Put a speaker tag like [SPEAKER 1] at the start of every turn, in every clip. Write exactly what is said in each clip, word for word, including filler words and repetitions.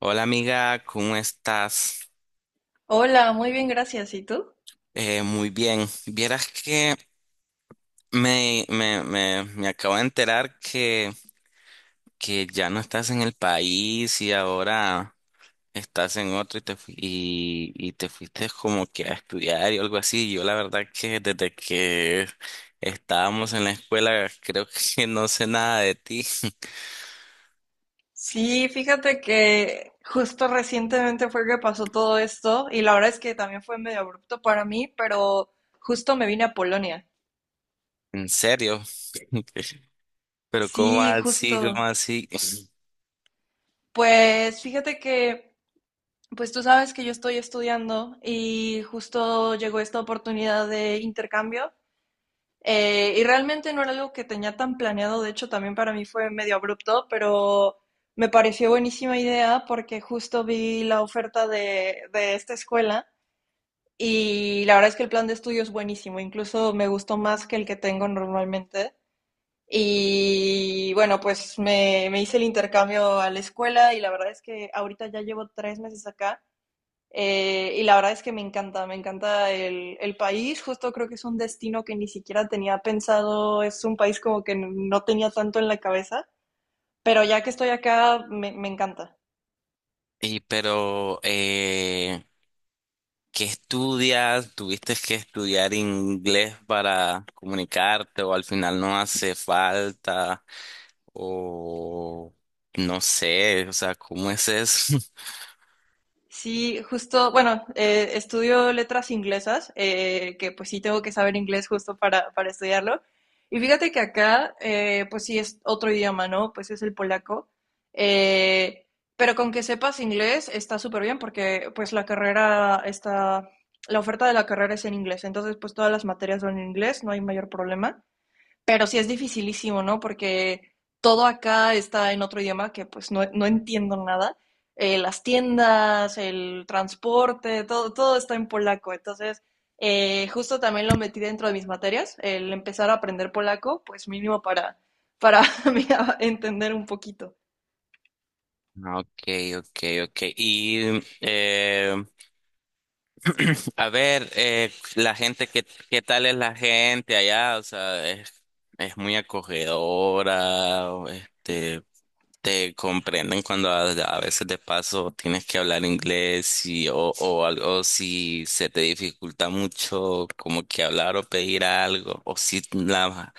[SPEAKER 1] Hola amiga, ¿cómo estás?
[SPEAKER 2] Hola, muy bien, gracias. ¿Y tú?
[SPEAKER 1] Eh, muy bien. Vieras que me, me, me, me acabo de enterar que, que ya no estás en el país y ahora estás en otro y te, fui- y, y te fuiste como que a estudiar y algo así. Yo la verdad que desde que estábamos en la escuela creo que no sé nada de ti.
[SPEAKER 2] Sí, fíjate que justo recientemente fue que pasó todo esto y la verdad es que también fue medio abrupto para mí, pero justo me vine a Polonia.
[SPEAKER 1] En serio. Pero ¿cómo
[SPEAKER 2] Sí,
[SPEAKER 1] así? ¿Cómo
[SPEAKER 2] justo.
[SPEAKER 1] así?
[SPEAKER 2] Pues fíjate que, pues tú sabes que yo estoy estudiando y justo llegó esta oportunidad de intercambio. Eh, y realmente no era algo que tenía tan planeado, de hecho también para mí fue medio abrupto, pero me pareció buenísima idea porque justo vi la oferta de, de esta escuela y la verdad es que el plan de estudio es buenísimo, incluso me gustó más que el que tengo normalmente. Y bueno, pues me, me hice el intercambio a la escuela y la verdad es que ahorita ya llevo tres meses acá, eh, y la verdad es que me encanta, me encanta el, el, país. Justo creo que es un destino que ni siquiera tenía pensado, es un país como que no tenía tanto en la cabeza, pero ya que estoy acá, me, me encanta.
[SPEAKER 1] Y pero... eh, ¿qué estudias? ¿Tuviste que estudiar inglés para comunicarte o al final no hace falta? O no sé, o sea, ¿cómo es eso?
[SPEAKER 2] Sí, justo, bueno, eh, estudio letras inglesas, eh, que pues sí tengo que saber inglés justo para, para estudiarlo. Y fíjate que acá, eh, pues sí es otro idioma, ¿no? Pues es el polaco. Eh, pero con que sepas inglés está súper bien porque pues la carrera está, la oferta de la carrera es en inglés. Entonces pues todas las materias son en inglés, no hay mayor problema. Pero sí es dificilísimo, ¿no? Porque todo acá está en otro idioma que pues no, no entiendo nada. Eh, las tiendas, el transporte, todo, todo está en polaco. Entonces, eh, justo también lo metí dentro de mis materias, el empezar a aprender polaco, pues mínimo para, para mira, entender un poquito.
[SPEAKER 1] Ok, ok, ok. Y eh, a ver, eh, la gente, ¿qué, qué tal es la gente allá? O sea, es, es muy acogedora, o, este. Te comprenden cuando a, a veces de paso tienes que hablar inglés y, o, o algo si se te dificulta mucho como que hablar o pedir algo o si la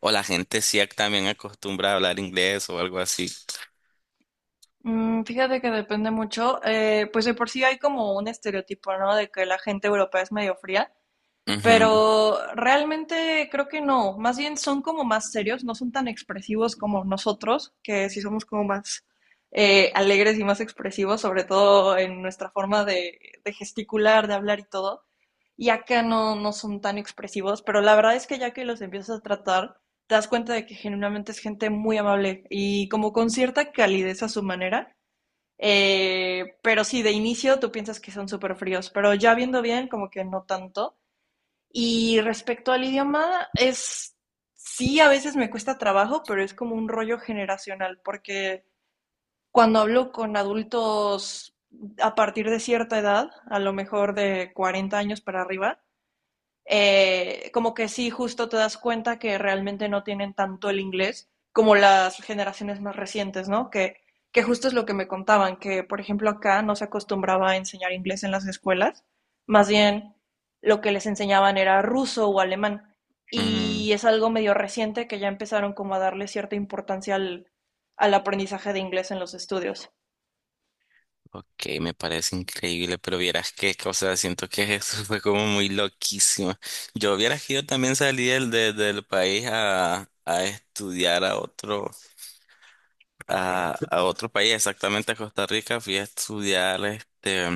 [SPEAKER 1] o la gente sí ac- también acostumbra a hablar inglés o algo así.
[SPEAKER 2] Mm, fíjate que depende mucho, eh, pues de por sí hay como un estereotipo, ¿no? De que la gente europea es medio fría.
[SPEAKER 1] Ujú,
[SPEAKER 2] Pero realmente creo que no, más bien son como más serios, no son tan expresivos como nosotros, que sí somos como más eh, alegres y más expresivos, sobre todo en nuestra forma de, de gesticular, de hablar y todo. Y acá no, no son tan expresivos, pero la verdad es que ya que los empiezas a tratar, te das cuenta de que genuinamente es gente muy amable y como con cierta calidez a su manera. Eh, pero sí, de inicio tú piensas que son súper fríos, pero ya viendo bien, como que no tanto. Y respecto al idioma, es sí, a veces me cuesta trabajo, pero es como un rollo generacional, porque cuando hablo con adultos a partir de cierta edad, a lo mejor de cuarenta años para arriba, eh, como que sí, justo te das cuenta que realmente no tienen tanto el inglés como las generaciones más recientes, ¿no? Que, que justo es lo que me contaban, que por ejemplo acá no se acostumbraba a enseñar inglés en las escuelas, más bien lo que les enseñaban era ruso o alemán.
[SPEAKER 1] ujú.
[SPEAKER 2] Y es algo medio reciente que ya empezaron como a darle cierta importancia al, al aprendizaje de inglés en los estudios.
[SPEAKER 1] Ok, me parece increíble, pero vieras que, o sea, siento que eso fue como muy loquísimo. Yo vieras que yo también salí del, de- del país a, a estudiar a otro. a, a, otro país, exactamente a Costa Rica, fui a estudiar este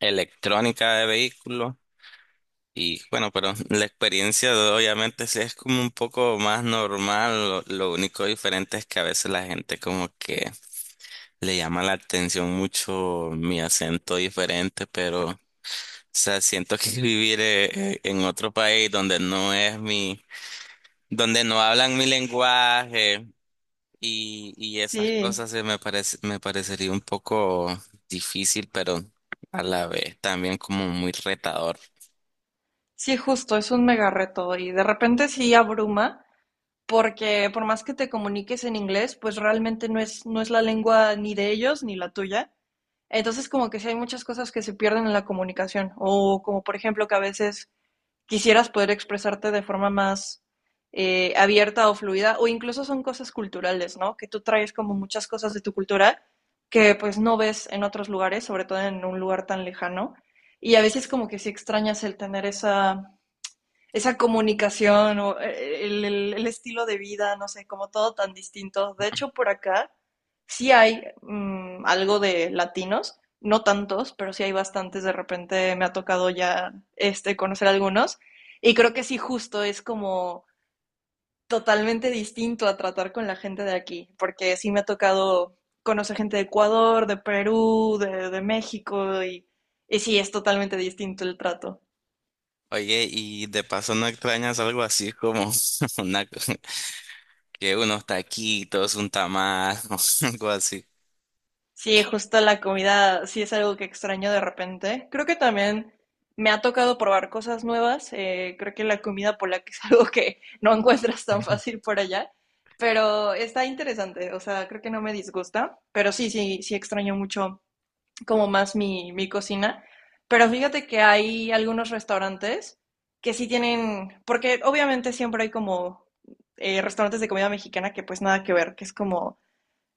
[SPEAKER 1] electrónica de vehículos y bueno, pero la experiencia de- obviamente sí es como un poco más normal, lo, lo único diferente es que a veces la gente como que le llama la atención mucho mi acento diferente, pero o sea, siento que vivir eh, eh, en otro país donde no es mi, donde no hablan mi lenguaje. Y, y esas
[SPEAKER 2] Sí,
[SPEAKER 1] cosas se me parece, me parecería un poco difícil, pero a la vez también como muy retador.
[SPEAKER 2] sí, justo, es un mega reto y de repente sí abruma, porque por más que te comuniques en inglés, pues realmente no es, no es la lengua ni de ellos ni la tuya. Entonces, como que sí hay muchas cosas que se pierden en la comunicación, o como por ejemplo que a veces quisieras poder expresarte de forma más eh, abierta o fluida, o incluso son cosas culturales, ¿no? Que tú traes como muchas cosas de tu cultura que pues no ves en otros lugares, sobre todo en un lugar tan lejano. Y a veces como que sí extrañas el tener esa, esa comunicación o eh, el, el- el estilo de vida, no sé, como todo tan distinto. De hecho, por acá sí hay mm, algo de latinos, no tantos, pero sí hay bastantes. De repente me ha tocado ya este, conocer algunos. Y creo que sí, justo es como totalmente distinto a tratar con la gente de aquí, porque sí me ha tocado conocer gente de Ecuador, de Perú, de, de México, y, y sí, es totalmente distinto el trato.
[SPEAKER 1] Oye, y de paso no extrañas algo así como una, que unos taquitos, un tamal, o algo así.
[SPEAKER 2] Sí, justo la comida sí es algo que extraño de repente. Creo que también me ha tocado probar cosas nuevas. Eh, creo que la comida polaca es algo que no encuentras tan fácil por allá, pero está interesante. O sea, creo que no me disgusta, pero sí, sí, sí extraño mucho como más mi, mi cocina. Pero fíjate que hay algunos restaurantes que sí tienen, porque obviamente siempre hay como eh, restaurantes de comida mexicana que pues nada que ver, que es como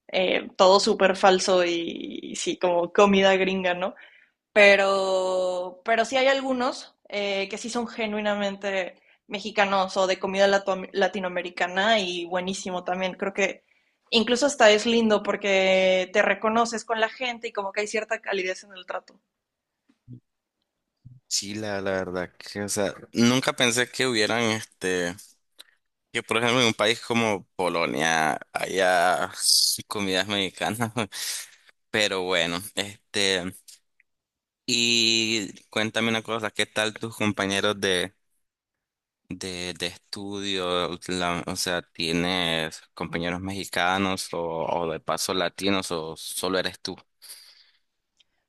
[SPEAKER 2] eh, todo súper falso y, y, sí, como comida gringa, ¿no? Pero, pero sí hay algunos eh, que sí son genuinamente mexicanos o de comida lato latinoamericana y buenísimo también. Creo que incluso hasta es lindo porque te reconoces con la gente y como que hay cierta calidez en el trato.
[SPEAKER 1] Sí, la, la verdad que, o sea, nunca pensé que hubieran este, que por ejemplo en un país como Polonia haya comidas mexicanas, pero bueno, este. Y cuéntame una cosa, ¿qué tal tus compañeros de, de, de estudio? La- o sea, ¿tienes compañeros mexicanos o, o de paso latinos o solo eres tú?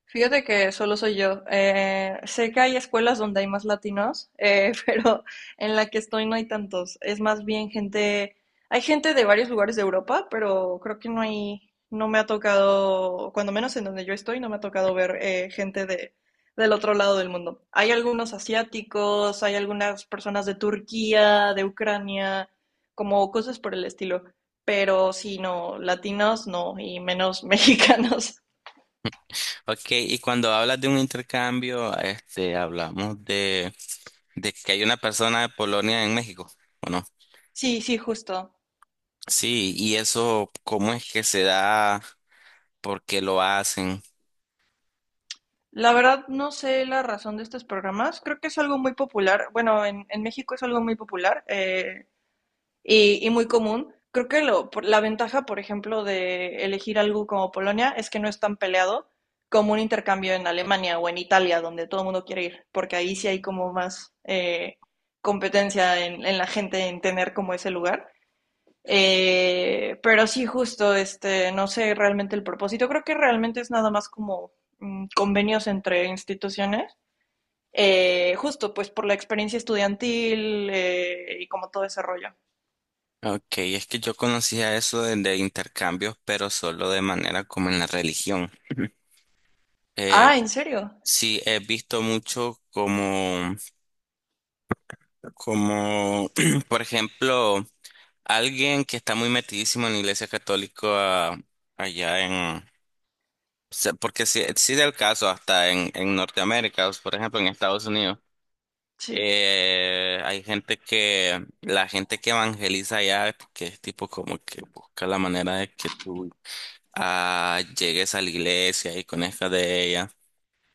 [SPEAKER 2] Fíjate que solo soy yo. Eh, sé que hay escuelas donde hay más latinos, eh, pero en la que estoy no hay tantos. Es más bien gente, hay gente de varios lugares de Europa, pero creo que no hay, no me ha tocado, cuando menos en donde yo estoy, no me ha tocado ver eh, gente de, del otro lado del mundo. Hay algunos asiáticos, hay algunas personas de Turquía, de Ucrania, como cosas por el estilo. Pero sí, no, latinos no, y menos mexicanos.
[SPEAKER 1] Ok, y cuando hablas de un intercambio, este, hablamos de, de que hay una persona de Polonia en México, ¿o no?
[SPEAKER 2] Sí, sí, justo.
[SPEAKER 1] Sí, y eso, ¿cómo es que se da? ¿Por qué lo hacen?
[SPEAKER 2] La verdad no sé la razón de estos programas. Creo que es algo muy popular. Bueno, en, en México es algo muy popular eh, y, y muy común. Creo que lo- por- la ventaja, por ejemplo, de elegir algo como Polonia es que no es tan peleado como un intercambio en Alemania o en Italia, donde todo el mundo quiere ir, porque ahí sí hay como más eh, competencia en, en la gente en tener como ese lugar. Eh, pero sí, justo, este, no sé realmente el propósito. Creo que realmente es nada más como mm, convenios entre instituciones. Eh, justo, pues por la experiencia estudiantil eh, y como todo ese rollo.
[SPEAKER 1] Ok, es que yo conocía eso de, de intercambios, pero solo de manera como en la religión.
[SPEAKER 2] Ah, ¿en serio?
[SPEAKER 1] Sí, he visto mucho como, como, por ejemplo, alguien que está muy metidísimo en la Iglesia Católica allá en, se- porque sí, sí del caso hasta en, en Norteamérica, por ejemplo, en Estados Unidos,
[SPEAKER 2] Sí.
[SPEAKER 1] eh, hay gente que, la gente que evangeliza allá, que es tipo como que busca la manera de que tú ah, llegues a la iglesia y conozcas de ella.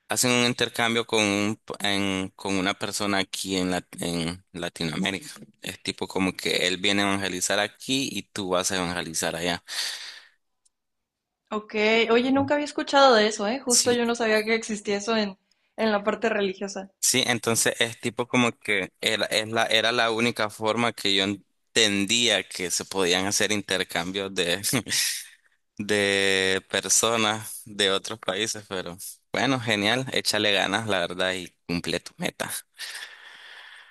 [SPEAKER 1] Hacen un intercambio con, un p- en- con una persona aquí en, la- en Latinoamérica. Es tipo como que él viene a evangelizar aquí y tú vas a evangelizar allá.
[SPEAKER 2] Ok. Oye, nunca había escuchado de eso, ¿eh? Justo
[SPEAKER 1] Sí,
[SPEAKER 2] yo no sabía que existía eso en, en la parte religiosa.
[SPEAKER 1] sí, entonces es tipo como que era, es la, era la única forma que yo entendía que se podían hacer intercambios de, de personas de otros países, pero bueno, genial, échale ganas, la verdad, y cumple tu meta.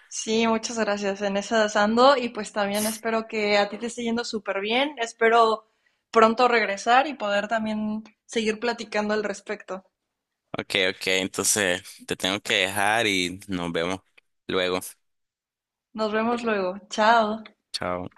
[SPEAKER 2] Sí, muchas gracias. En esas ando y pues también espero que a ti te esté yendo súper bien. Espero pronto regresar y poder también seguir platicando al respecto.
[SPEAKER 1] Ok, ok, entonces te tengo que dejar y nos vemos luego.
[SPEAKER 2] Nos vemos luego. Chao.
[SPEAKER 1] Chao.